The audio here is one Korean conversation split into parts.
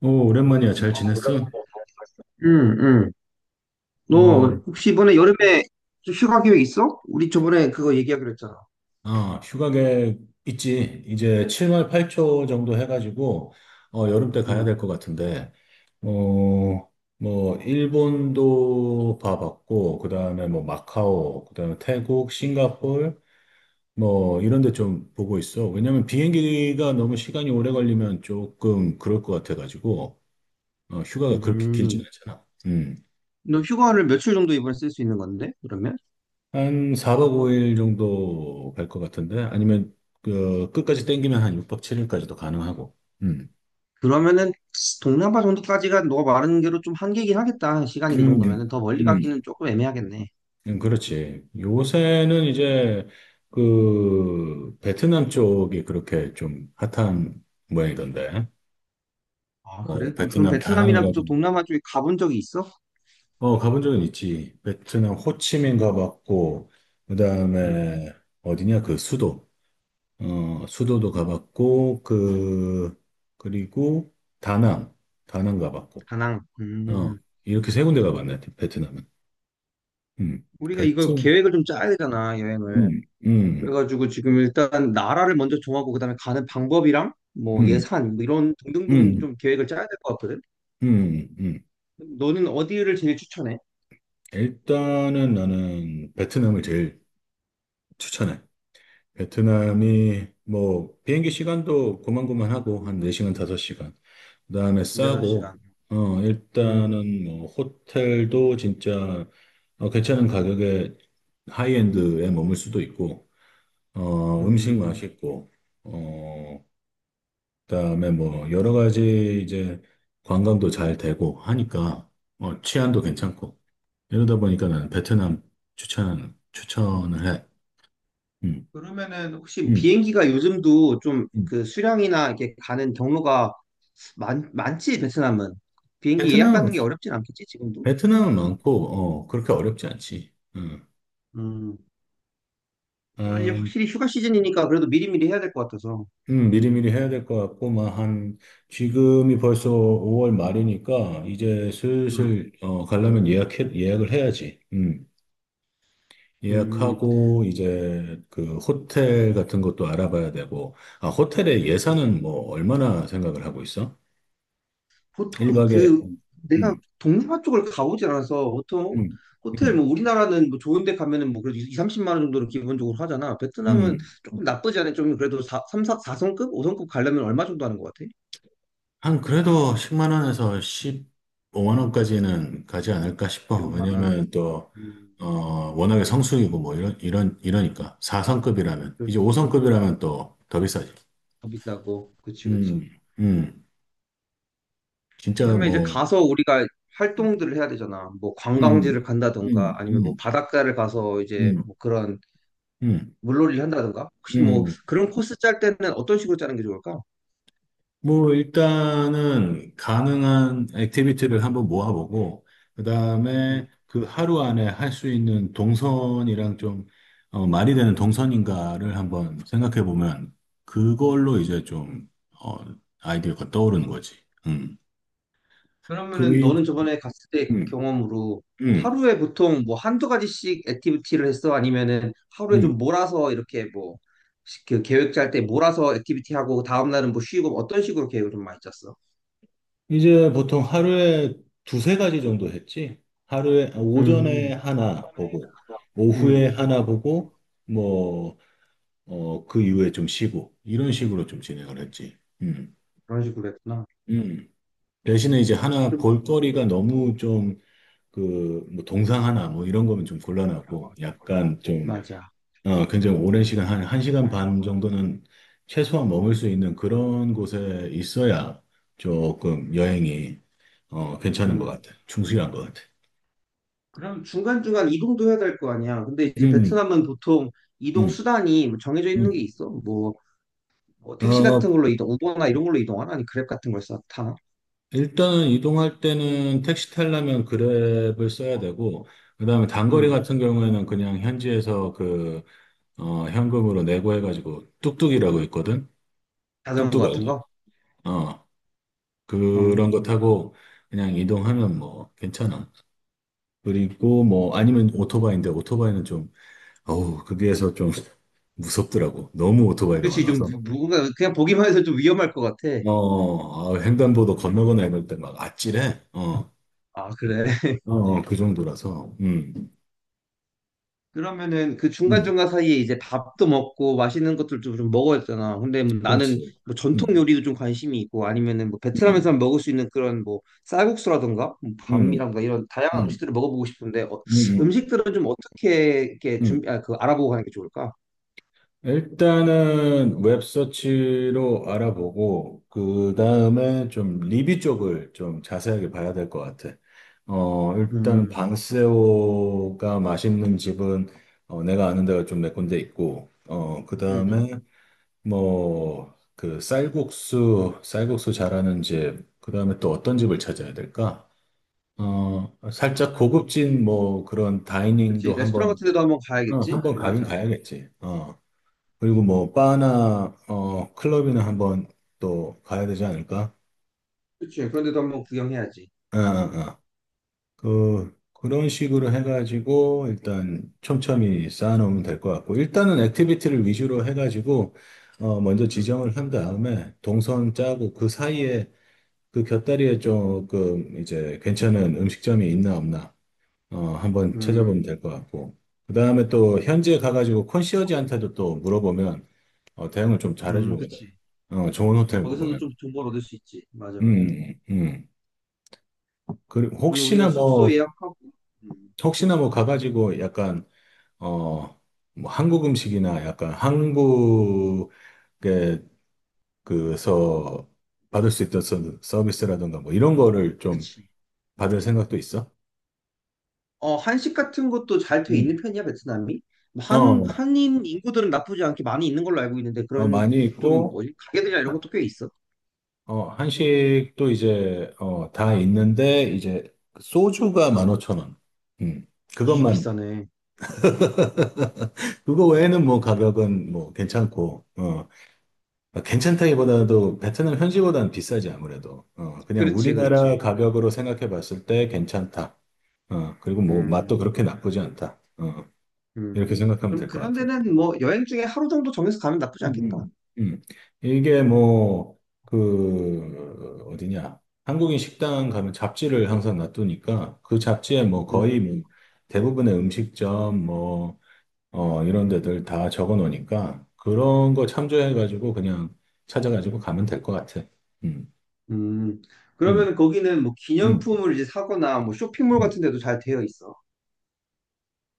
오, 오랜만이야. 잘 지냈어? 응, 응. 어, 너 혹시 이번에 여름에 좀 휴가 계획 있어? 우리 저번에 그거 얘기하기로 했잖아. 휴가 계획 있지. 이제 7월 8초 정도 해가지고, 여름 때 가야 될 응, 것 같은데, 어, 뭐, 일본도 봐봤고, 그 다음에 뭐, 마카오, 그 다음에 태국, 싱가폴, 뭐, 이런 데 좀 보고 있어. 왜냐면 비행기가 너무 시간이 오래 걸리면 조금 그럴 것 같아가지고, 휴가가 그렇게 길진 음. 않잖아. 음. 너 휴가를 며칠 정도 이번에 쓸 수 있는 건데? 그러면? 한 4박 5일 정도 갈 것 같은데 아니면 그 끝까지 땡기면 한 6박 7일까지도 가능하고. 음. 그러면은 동남아 정도까지가 너가 말하는 대로 좀 한계긴 하겠다. 시간이 그 음. 정도면은 더 멀리 음. 가기는 조금 애매하겠네. 그렇지. 요새는 이제 그 베트남 쪽이 그렇게 좀 핫한 모양이던데. 아, 뭐 그래? 그럼 베트남 베트남이나 그쪽 다낭이라든 동남아 쪽에 가본 적이 있어? 가본 적은 있지. 베트남 호치민 가봤고 응, 그다음에 어디냐 그 수도 수도도 가봤고, 그, 그리고 다낭, 가봤고, 다낭. 어, 음. 이렇게 세 군데 가봤네, 베트남은. 우리가 이거 베트남, 계획을 좀 짜야 되잖아, 여행을. 음, 음, 그래가지고 지금 일단 나라를 먼저 정하고 그다음에 가는 방법이랑 뭐 음, 예산 뭐 이런 등등등 음, 좀 계획을 짜야 될 것 같거든. 음, 음. 너는 어디를 제일 추천해? 일단은 나는 베트남을 제일 추천해. 베트남이 뭐 비행기 시간도 고만고만하고 한 4시간, 5시간. 그다음에 싸고 4시간. 음, 일단은 뭐 호텔도 진짜 괜찮은 가격에 하이엔드에 머물 수도 있고 음식 음. 맛있고 어 그다음에 뭐 여러 가지 이제 관광도 잘 되고 하니까 치안도 괜찮고 이러다 보니까 나는 베트남 추천을 해. 음. 그러면은 혹시 음. 비행기가 요즘도 좀 음. 그 수량이나 이렇게 가는 경로가 많지 베트남은 베 비행기 트 예약 남 하는 게 어렵진 않겠지 지금도? 베트남은 많고, 그렇게 어렵지 않지. 음. 아니 음, 확실히 휴가 시즌이니까 그래도 미리미리 해야 될 것 같아서. 미리미리 해야 될 것 같고, 막 한, 지금이 벌써 5월 말이니까, 이제 음. 슬슬, 가려면 예약을 해야지. 음. 예약하고, 이제 그 호텔 같은 것도 알아봐야 되고, 호텔의 예산은 뭐, 얼마나 생각을 하고 있어? 보통 1박에, 그 내가 동남아 쪽을 가보질 않아서 보통 음, 호텔 음, 뭐 우리나라는 뭐 좋은 데 가면은 뭐 그래도 2, 30만 원 정도는 기본적으로 하잖아. 베트남은 음. 조금 나쁘지 않아. 좀 그래도 4, 3, 사성급 5성급 가려면 얼마 정도 하는 것 같아? 한 그래도 10만 원에서 15만 원까지는 가지 않을까 십 싶어. 오만 원. 왜냐면 또, 음, 어, 워낙에 성수기고 뭐 이러니까. 4성급이라면. 이제 그렇지. 5성급이라면 또 더 비싸지. 더 비싸고. 그치, 음, 그치. 음. 진짜 그러면 이제 뭐, 가서 우리가 활동들을 해야 되잖아. 뭐 음, 관광지를 음, 간다던가 음, 아니면 뭐 음, 바닷가를 가서 이제 음, 뭐 그런 음. 물놀이를 한다던가. 혹시 뭐 음. 그런 코스 짤 때는 어떤 식으로 짜는 게 좋을까? 뭐, 일단은 가능한 액티비티를 한번 모아보고, 그 다음에 그 하루 안에 할 수 있는 동선이랑 좀, 말이 되는 동선인가를 한번 생각해 보면, 그걸로 이제 좀, 어, 아이디어가 떠오르는 거지. 음. 그러면은 그리, 너는 저번에 갔을 때 음, 경험으로 음, 하루에 보통 뭐 한두 가지씩 액티비티를 했어? 아니면은 하루에 좀 음. 몰아서 이렇게 뭐 그 계획 짤 때 몰아서 액티비티 하고 다음 날은 뭐 쉬고 뭐 어떤 식으로 계획을 좀 많이 짰어? 이제 보통 하루에 두세 가지 정도 했지? 하루에, 오전에 음, 하나 보고, 음, 오후에 하나 보고, 뭐, 그 이후에 좀 쉬고, 이런 식으로 좀 진행을 했지. 음, 그런 식으로 했구나. 음. 대신에 이제 하나 그럼 볼거리가 너무 좀, 그, 뭐, 동상 하나, 뭐, 이런 거면 좀 곤란하고, 약간 좀, 맞아. 굉장히 오랜 시간, 한, 한 시간 반 정도는 최소한 머물 수 있는 그런 곳에 있어야 조금 여행이, 괜찮은 것 음. 같아. 충실한 것 같아. 그럼 중간중간 이동도 해야 될 거 아니야. 근데 이제 음, 베트남은 보통 이동 음, 수단이 뭐 정해져 있는 게 음. 있어. 뭐 택시 같은 어, 걸로 이동, 우버나 이런 걸로 이동하나? 아니 그랩 같은 걸 써, 타나? 일단은 이동할 때는 택시 타려면 그랩을 써야 되고, 그 다음에 단거리 같은 경우에는 그냥 현지에서 그, 현금으로 내고 해가지고 뚝뚝이라고 있거든? 자전거 뚝뚝 같은 알지? 거? 어, 어. 그런 거 타고 그냥 이동하면 뭐 괜찮아. 그리고 뭐 아니면 오토바이인데 오토바이는 좀, 어우, 거기에서 좀 무섭더라고. 너무 오토바이가 그렇지, 좀 많아서. 군가 그냥 보기만 해서 좀 위험할 것 같아. 횡단보도 건너거나 이럴 때 막 아찔해. 아, 그래. 그 정도라서. 음. 그러면은 그 음. 중간중간 사이에 이제 밥도 먹고 맛있는 것들 좀좀 먹어야 되잖아. 근데 뭐 나는 그렇지. 뭐 음, 전통 요리도 좀 관심이 있고 아니면은 뭐 음, 베트남에서 먹을 수 있는 그런 뭐 쌀국수라든가 뭐 음, 밤이라든가 이런 다양한 음, 음식들을 먹어보고 싶은데 음, 음식들은 좀 어떻게 이렇게 음. 준비, 아, 그 알아보고 가는 게 좋을까? 일단은 웹서치로 알아보고, 그 다음에 좀 리뷰 쪽을 좀 자세하게 봐야 될 것 같아. 일단 음, 방새우가 맛있는 집은 내가 아는 데가 좀 몇 군데 있고, 그 음. 다음에 뭐, 그 쌀국수 잘하는 집, 그 다음에 또 어떤 집을 찾아야 될까? 살짝 고급진 뭐 그런 다이닝도 그렇지. 레스토랑 한번, 같은 데도 한번 가야겠지? 한번 가긴 맞아. 가야겠지. 어. 그리고 뭐 바나, 클럽이나 한번 또 가야 되지 않을까? 그렇지. 그런데도 한번 구경해야지. 어, 어, 어. 그런 식으로 해가지고 일단 촘촘히 쌓아놓으면 될 것 같고, 일단은 액티비티를 위주로 해가지고, 먼저 음. 지정을 한 다음에 동선 짜고 그 사이에 그 곁다리에 조금 이제 괜찮은 음식점이 있나 없나 한번 찾아보면 음, 될 것 같고. 그 다음에 또 현지에 가가지고 컨시어지한테도 또 물어보면 대응을 좀 잘해주거든. 그치. 좋은 호텔 거기서도 묵으면. 좀 정보를 얻을 수 있지. 맞아, 맞아. 음, 음. 그리고 그러면 우리가 숙소 예약하고, 음, 혹시나 뭐 가가지고 약간, 어, 뭐 한국 음식이나 약간 한국에 그서 받을 수 있던 서비스라든가 뭐 이런 거를 좀 그치. 받을 생각도 있어? 어, 한식 같은 것도 잘 돼 있는 음. 편이야, 베트남이? 뭐 어, 한인 인구들은 나쁘지 않게 많이 있는 걸로 알고 있는데, 그런 많이 좀, 있고, 뭐지, 가게들이나 이런 것도 꽤 있어. 한식도 이제, 다 있는데, 이제, 소주가 15,000원. 음, 아, 그것만, 비싸네. 그거 외에는 뭐 가격은 뭐 괜찮고, 괜찮다기보다도 베트남 현지보다는 비싸지, 아무래도. 그냥 그렇지, 우리나라 그렇지. 가격으로 생각해 봤을 때 괜찮다. 그리고 뭐 맛도 음, 그렇게 나쁘지 않다. 이렇게 생각하면 그럼 될 것 그런 같아요. 데는 뭐 여행 중에 하루 정도 정해서 가면 나쁘지 음, 않겠다. 음. 음. 이게 뭐, 그, 어디냐. 한국인 식당 가면 잡지를 항상 놔두니까 그 잡지에 뭐 거의 음, 뭐 대부분의 음식점 뭐, 이런 데들 다 적어 놓으니까 그런 거 참조해가지고 그냥 찾아가지고 가면 될 것 같아. 음, 음. 음, 그러면 거기는 뭐 음, 기념품을 이제 사거나 뭐 쇼핑몰 음. 같은 데도 잘 되어 있어.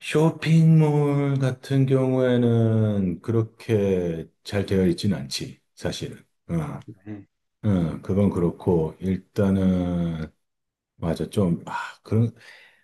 쇼핑몰 같은 경우에는 그렇게 잘 되어 있진 않지, 사실은. 아, 어, 그래. 그건 그렇고, 일단은 맞아. 좀, 그런,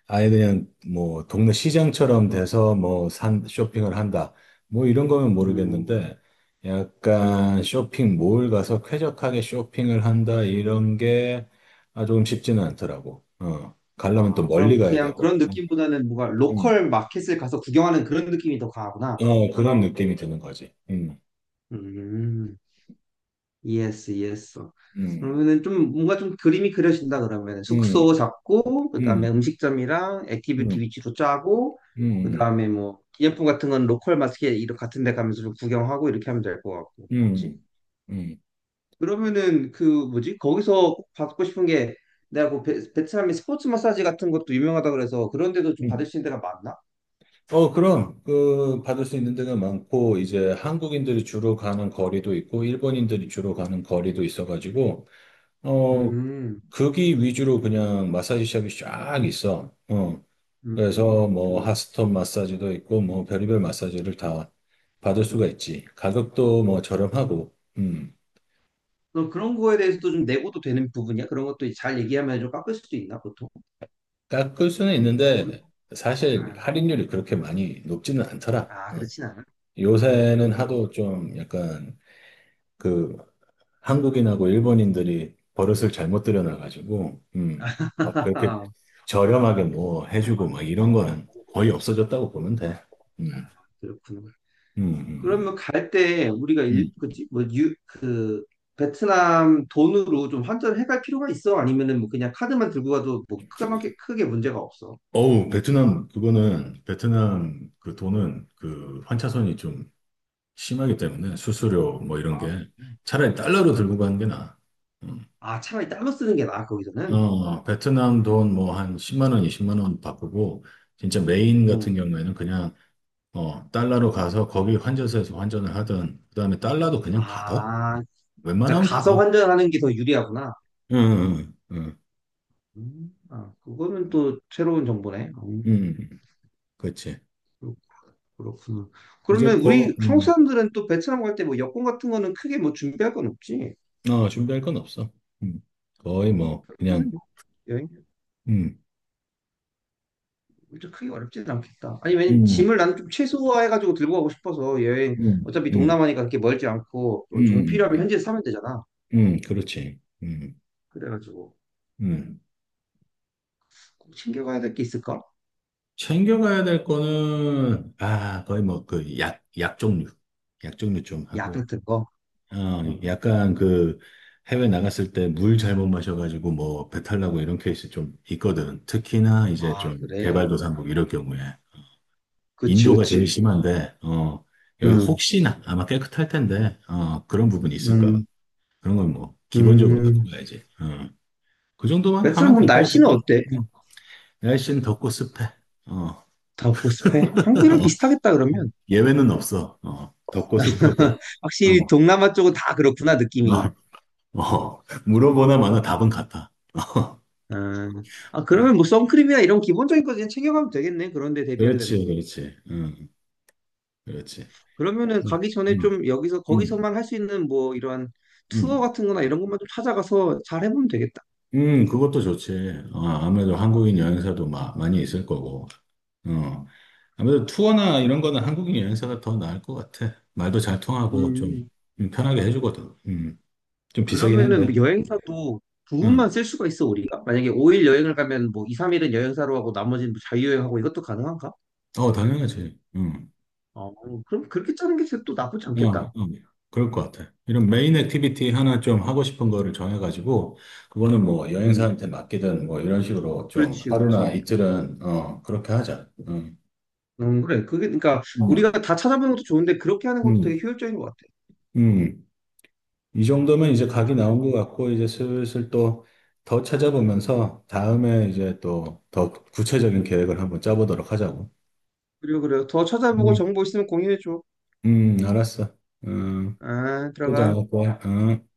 아예 그냥 뭐 동네 시장처럼 돼서 뭐 쇼핑을 한다. 뭐 이런 거면 음, 모르겠는데, 약간 쇼핑몰 가서 쾌적하게 쇼핑을 한다. 이런 게 조금 쉽지는 않더라고. 어. 가려면 또 멀리 그럼 가야 그냥 되고. 그런 음. 느낌보다는 뭔가 음. 로컬 마켓을 가서 구경하는 그런 느낌이 더 강하구나. 그런 느낌이 드는 거지. 음. 음, 이해했어, 이해했어. 음. 그러면은 좀 뭔가 좀 그림이 그려진다 그러면 음. 숙소 잡고 그다음에 음. 음식점이랑 액티비티 음. 위주로 짜고 음. 그다음에 뭐 기념품 같은 건 로컬 마켓 이런 같은 데 가면서 좀 구경하고 이렇게 하면 될 것 같고. 그치? 음. 음. 그러면은 그 뭐지? 거기서 꼭 받고 싶은 게 내가 그 베트남의 스포츠 마사지 같은 것도 유명하다 그래서 그런 데도 좀 음. 받을 수 있는 데가 많나? 그럼, 그, 받을 수 있는 데가 많고, 이제 한국인들이 주로 가는 거리도 있고, 일본인들이 주로 가는 거리도 있어가지고, 어, 음. 거기 위주로 그냥 마사지 샵이 쫙 있어. 그래서 뭐, 좋네. 핫스톤 마사지도 있고, 뭐, 별의별 마사지를 다 받을 수가 있지. 가격도 뭐, 저렴하고, 너 그런 거에 대해서도 좀 내고도 되는 부분이야? 그런 것도 잘 얘기하면 좀 깎을 수도 있나, 보통? 깎을 수는 음, 있는데, 사실 아, 할인율이 그렇게 많이 높지는 않더라. 아, 어. 그렇진 않아. 그런 요새는 거지 말 하도 좀 약간, 그 한국인하고 일본인들이 버릇을 잘못 들여놔가지고, 막 그렇게 아, 저렴하게 뭐 해주고 막 이런 거는 거의 없어졌다고 보면 돼. 아, 음, 그렇구나. 음, 음, 음. 그러면 갈 때 우리가 음. 그지? 뭐, 그, 베트남 돈으로 좀 환전을 해갈 필요가 있어? 아니면은 뭐 그냥 카드만 들고 가도 뭐 크게, 크게 문제가 없어? 어우, 베트남, 그거는, 베트남 그 돈은 그 환차손이 좀 심하기 때문에 수수료 뭐 이런 게 음. 차라리 달러로 들고 가는 게 나아. 음. 아, 차라리 달러 쓰는 게 나아, 거기서는? 베트남 돈 뭐 한 10만 원, 20만 원 바꾸고, 진짜 메인 같은 음. 경우에는 그냥 달러로 가서 거기 환전소에서 환전을 하든, 그 다음에 달러도 그냥 받아. 아, 그러니까 웬만하면 받아. 가서 환전하는 게 더 유리하구나. 응, 응, 응, 아, 그거는 또 새로운 정보네. 음. 응, 응. 그렇지. 그렇- 그렇구나. 이제 그러면 거, 우리 한국 사람들은 또 베트남 갈 때 뭐 여권 같은 거는 크게 뭐 준비할 건 없지? 준비할 건 없어. 음, 거의 뭐, 그냥, 그러면은 뭐 여행 음, 진짜 크게 어렵지는 않겠다. 아니, 왜냐면 음, 짐을 나는 좀 최소화해가지고 들고 가고 싶어서 여행 음, 음, 어차피 음, 동남아니까 그렇게 멀지 않고 또 음, 정필요하면 음, 현지에서 사면 되잖아. 그렇지. 그래가지고 음. 꼭 챙겨가야 될 게 있을까? 챙겨가야 될 거는, 거의 뭐, 그, 약 종류. 약 종류 좀 약 하고, 같은 거. 음. 약간 그 해외 나갔을 때 물 잘못 마셔가지고 뭐 배탈 나고 이런 케이스 좀 있거든. 특히나 이제 아, 좀 그래. 개발도상국 이럴 경우에. 그치, 인도가 제일 그치. 심한데, 여기 음, 혹시나 아마 깨끗할 텐데, 그런 부분이 있을까. 음, 그런 건 뭐 기본적으로 갖고 음. 가야지. 그 정도만 베트남 하면 그럼 될 것 날씨는 같은데. 어때? 응. 날씨는 덥고 습해. 어, 다 없고 습해? 한국이랑 비슷하겠다 그러면. 예외는 없어. 덥고 습하고. 어, 확실히 동남아 쪽은 다 그렇구나 느낌이. 어, 물어보나 마나 답은 같아. 아, 아, 어, 그러면 뭐 선크림이나 이런 기본적인 거 그냥 챙겨가면 되겠네. 그런데 대비하려면. 그렇지, 그렇지. 응, 그렇지. 그러면은 응, 가기 전에 응, 좀 여기서 응, 거기서만 할 수 있는 뭐 이러한 투어 응. 같은 거나 이런 것만 좀 찾아가서 잘 해보면 되겠다. 그것도 좋지. 아무래도 한국인 여행사도 많이 있을 거고. 어, 아무래도 투어나 이런 거는 한국인 여행사가 더 나을 것 같아. 말도 잘 음. 통하고 좀 음. 편하게 해주거든. 좀 비싸긴 그러면은 한데. 뭐 여행사도 응. 부분만 쓸 수가 있어 우리가. 만약에 5일 여행을 가면 뭐 2, 3일은 여행사로 하고 나머지는 뭐 자유여행하고 이것도 가능한가? 당연하지. 응. 어, 그럼 그렇게 짜는 게 또 나쁘지 어, 않겠다. 어, 그럴 것 같아. 이런 메인 액티비티 하나 좀 하고 싶은 거를 정해가지고, 그거는 뭐 음. 여행사한테 맡기든 뭐 이런 식으로 좀 그렇지, 하루나 그렇지. 이틀은, 그렇게 하자. 응, 그래. 그게, 그러니까, 우리가 음, 다 찾아보는 것도 좋은데, 그렇게 하는 것도 되게 음. 효율적인 것 같아. 음. 이 정도면 이제 각이 좋네. 나온 것 같고, 이제 슬슬 또 더 찾아보면서 다음에 이제 또 더 구체적인 계획을 한번 짜보도록 하자고. 그리고, 그래요. 더 찾아보고 음, 정보 있으면 공유해줘. 알았어. 음, 아, 또 전화 들어가. 올 거야. 음.